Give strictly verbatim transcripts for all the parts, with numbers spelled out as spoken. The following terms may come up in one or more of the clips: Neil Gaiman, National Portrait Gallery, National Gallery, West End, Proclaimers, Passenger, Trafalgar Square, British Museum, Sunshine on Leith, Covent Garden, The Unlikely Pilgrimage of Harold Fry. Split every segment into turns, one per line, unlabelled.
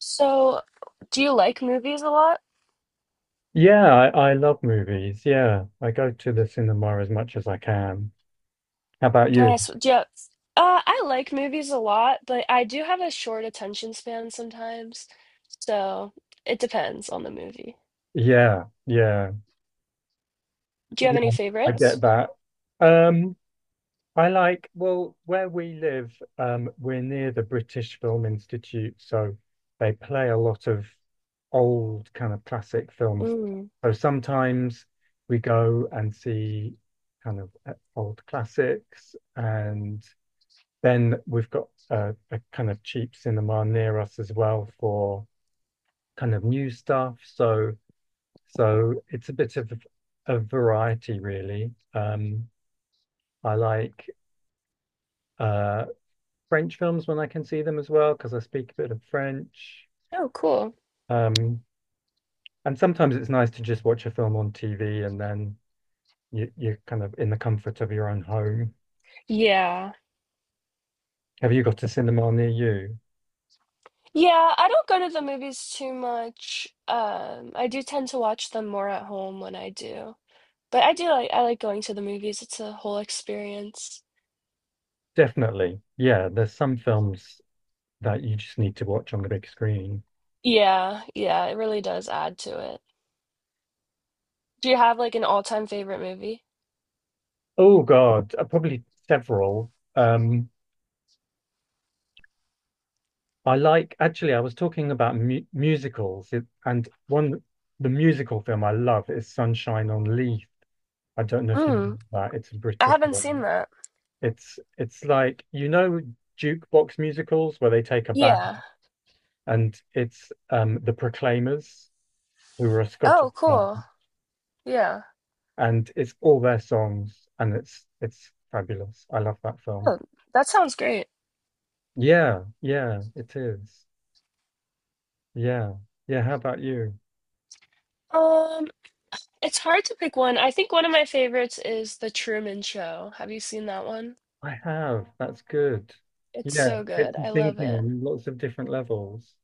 So, do you like movies a lot?
Yeah, I, I love movies. Yeah, I go to the cinema as much as I can. How about you?
Nice. Yeah. Uh, I like movies a lot, but I do have a short attention span sometimes. So, it depends on the movie.
Yeah, yeah,
Do you have
yeah,
any
I get
favorites?
that. Um, I like, well, where we live, um, we're near the British Film Institute, so they play a lot of old kind of classic films.
Mm.
So sometimes we go and see kind of uh, old classics and then we've got a, a kind of cheap cinema near us as well for kind of new stuff. So so it's a bit of a variety really. Um, I like uh, French films when I can see them as well because I speak a bit of French.
Oh, cool.
Um, and sometimes it's nice to just watch a film on T V and then you, you're kind of in the comfort of your own home.
Yeah.
Have you got a cinema near you?
Yeah, I don't go to the movies too much. Um, I do tend to watch them more at home when I do. But I do like I like going to the movies. It's a whole experience.
Definitely. Yeah, there's some films that you just need to watch on the big screen.
Yeah, yeah, it really does add to it. Do you have like an all-time favorite movie?
Oh God, uh, probably several. Um, I like actually. I was talking about mu musicals, it- and one the musical film I love is Sunshine on Leith. I don't know if you
Mm,
know that. It's a
I
British
haven't seen
one.
that.
It's it's like you know jukebox musicals where they take a
Yeah.
band, and it's um the Proclaimers who were a Scottish
Oh, cool.
band,
Yeah.
and it's all their songs, and it's it's fabulous. I love that film.
Oh, that sounds great.
Yeah, yeah, it is. Yeah. Yeah. How about you?
Um, it's hard to pick one. I think one of my favorites is The Truman Show. Have you seen that one?
I have. That's good.
It's
Yeah,
so
gets
good.
you
I love
thinking
it.
on lots of different levels.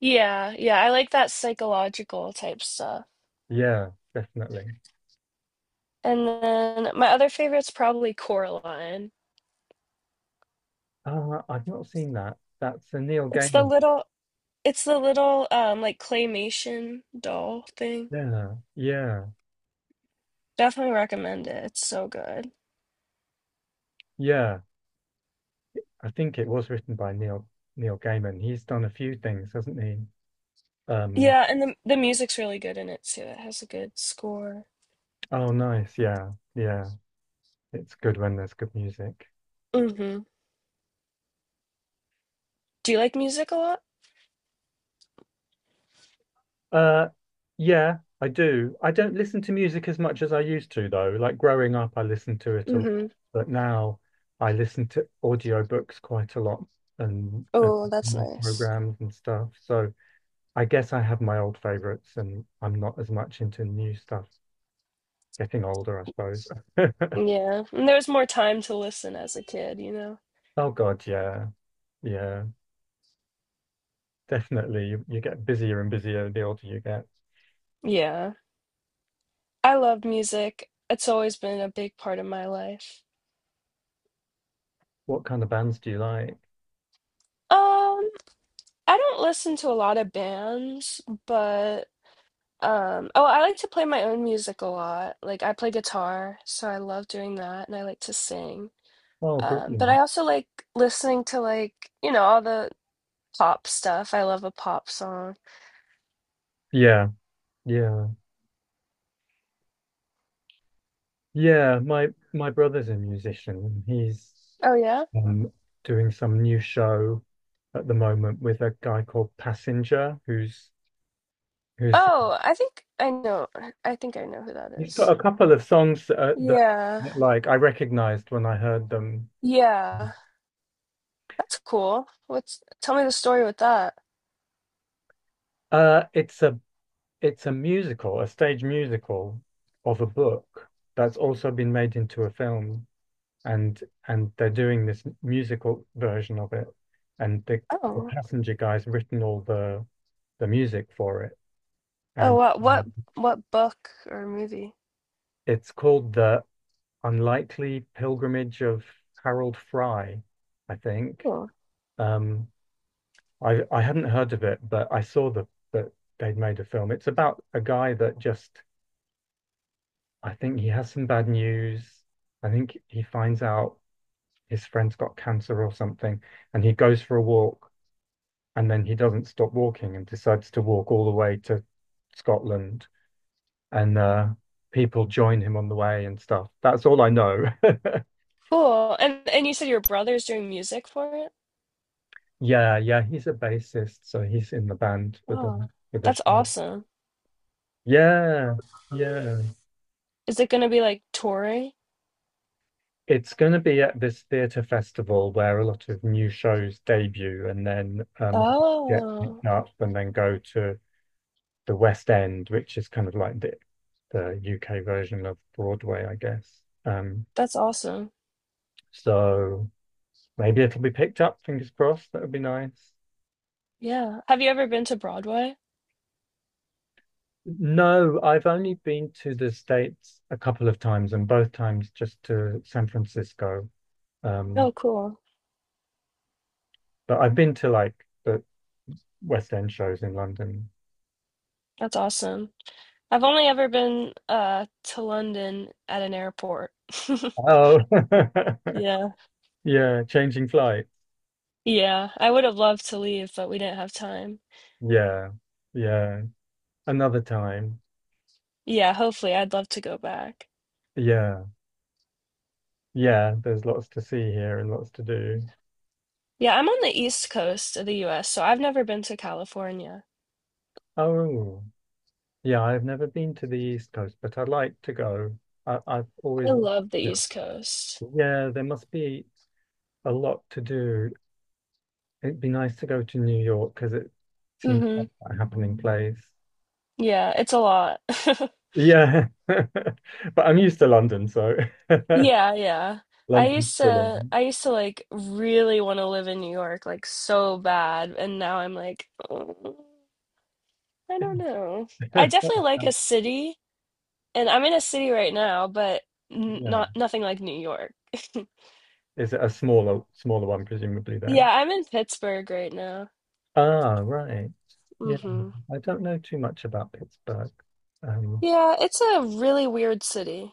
Yeah, yeah, I like that psychological type stuff.
Yeah, definitely.
And then my other favorite's probably Coraline.
Uh, I've not seen that. That's a Neil
It's the
Gaiman.
little it's the little um like claymation doll thing.
Yeah. Yeah.
Definitely recommend it. It's so good.
Yeah. I think it was written by Neil Neil Gaiman. He's done a few things, hasn't he? Um,
Yeah, and the the music's really good in it too. It has a good score.
oh, nice. Yeah. Yeah. It's good when there's good music.
Hmm. Do you like music a lot?
Uh, yeah, I do. I don't listen to music as much as I used to, though. Like growing up, I listened to it a lot,
Hmm.
but now I listen to audiobooks quite a lot and, and
Oh, that's
music
nice.
programs and stuff. So I guess I have my old favorites and I'm not as much into new stuff. Getting older, I suppose.
Yeah. And there was more time to listen as a kid, you know?
Oh God, yeah. Yeah, definitely. You, you get busier and busier the older you get.
Yeah. I love music. It's always been a big part of my life.
What kind of bands do you like?
Um, I don't listen to a lot of bands, but um, oh, I like to play my own music a lot. Like I play guitar, so I love doing that, and I like to sing.
Oh,
Um, but I
brilliant.
also like listening to like, you know, all the pop stuff. I love a pop song.
Yeah, yeah. Yeah, my my brother's a musician. He's
Oh yeah?
um, doing some new show at the moment with a guy called Passenger, who's who's
Oh, I think I know. I think I know who that
he's got
is.
a couple of songs that, are, that
Yeah.
that, like I recognized when I heard them.
Yeah. That's cool. What's tell me the story with that.
Uh, it's a it's a musical, a stage musical of a book that's also been made into a film, and and they're doing this musical version of it, and the, the
Oh.
Passenger guy's written all the the music for it
Oh
and
wow. What what book or movie?
it's called The Unlikely Pilgrimage of Harold Fry, I think.
Oh,
Um, I I hadn't heard of it, but I saw the that they'd made a film. It's about a guy that just I think he has some bad news. I think he finds out his friend's got cancer or something, and he goes for a walk, and then he doesn't stop walking and decides to walk all the way to Scotland, and uh, people join him on the way and stuff. That's all I know.
cool. And and you said your brother's doing music for it?
Yeah, yeah, he's a bassist, so he's in the band with the
Oh.
with the
That's
show.
awesome.
Yeah, yeah.
Is it gonna be like touring?
It's going to be at this theatre festival where a lot of new shows debut and then um get
Oh.
picked up and then go to the West End, which is kind of like the the U K version of Broadway, I guess. Um,
That's awesome.
so maybe it'll be picked up, fingers crossed. That would be nice.
Yeah. Have you ever been to Broadway?
No, I've only been to the States a couple of times, and both times just to San Francisco. Um,
Oh, cool.
but I've been to like the West End shows in London.
That's awesome. I've only ever been uh to London at an airport.
Oh,
Yeah.
yeah, changing flight.
Yeah. I would have loved to leave, but we didn't have time.
Yeah, yeah. Another time.
Yeah, hopefully I'd love to go back.
Yeah, yeah. There's lots to see here and lots to do.
Yeah, I'm on the East Coast of the U S, so I've never been to California.
Oh, yeah. I've never been to the East Coast, but I'd like to go. I, I've
I
always,
love the East Coast.
yeah. There must be a lot to do. It'd be nice to go to New York because it seems
Hmm.
like a happening place.
Yeah, it's a lot.
Yeah, but I'm used to London, so
Yeah, yeah. I
London's
used
full
to
on.
I used to like really want to live in New York like so bad, and now I'm like, "Oh, I don't know. I definitely like a city. And I'm in a city right now, but n
Yeah,
not nothing like New York."
is it a smaller smaller one presumably there?
Yeah, I'm in Pittsburgh right now.
Ah, right. Yeah,
Hmm.
I don't know too much about Pittsburgh. Um,
Yeah, it's a really weird city.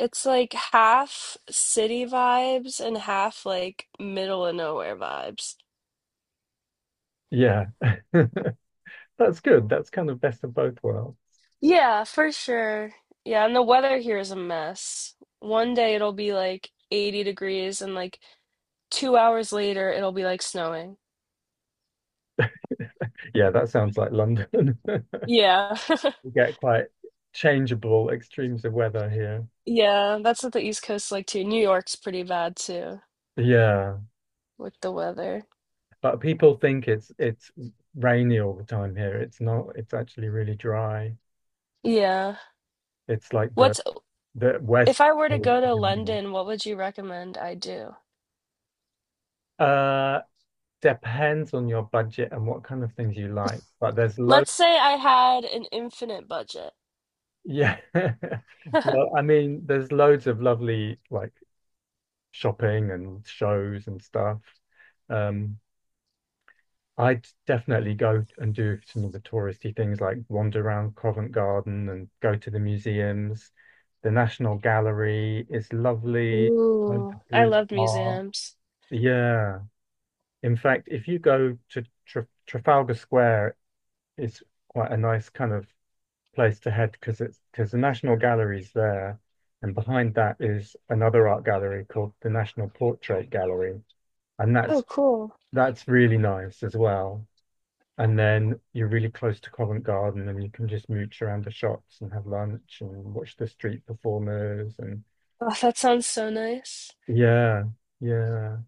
It's like half city vibes and half like middle of nowhere vibes.
yeah, that's good. That's kind of best of both worlds.
Yeah, for sure. Yeah, and the weather here is a mess. One day it'll be like eighty degrees, and like two hours later it'll be like snowing.
Yeah, that sounds like London.
Yeah.
We get quite changeable extremes of weather here.
Yeah, that's what the East Coast's like too. New York's pretty bad too.
Yeah.
With the weather.
But people think it's it's rainy all the time here. It's not. It's actually really dry.
Yeah.
It's like the
What's
the west.
if I were to go to London, what would you recommend I do?
Uh, depends on your budget and what kind of things you like. But there's loads.
Let's say I had an infinite budget.
Yeah. Well, I mean, there's loads of lovely like shopping and shows and stuff. Um, I'd definitely go and do some of the touristy things like wander around Covent Garden and go to the museums. The National Gallery is lovely. Loads
Ooh,
of
I
brilliant
love
art.
museums.
Yeah. In fact, if you go to Tra Trafalgar Square, it's quite a nice kind of place to head because it's because the National Gallery's there, and behind that is another art gallery called the National Portrait Gallery, and
Oh,
that's
cool.
that's really nice as well. And then you're really close to Covent Garden and you can just mooch around the shops and have lunch and watch the street performers and
Oh, that sounds so nice.
yeah, yeah.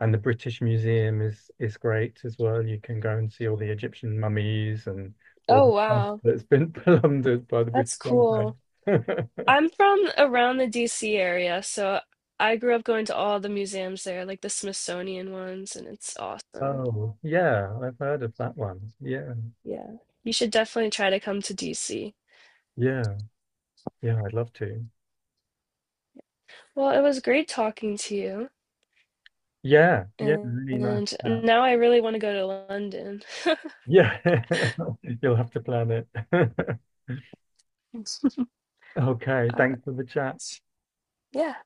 And the British Museum is is great as well. You can go and see all the Egyptian mummies and all
Oh,
the stuff
wow.
that's been plundered by the British
That's
Empire.
cool. I'm from around the D C area, so I grew up going to all the museums there, like the Smithsonian ones, and it's awesome.
Oh, yeah, I've heard of that one. Yeah,
Yeah. You should definitely try to come to D C.
yeah, yeah, I'd love to.
Well, it was great talking to you.
Yeah, yeah,
And
really nice chat.
now I really want to go to London.
Yeah, you'll have to plan it.
All
Okay,
right.
thanks for the chat.
Yeah.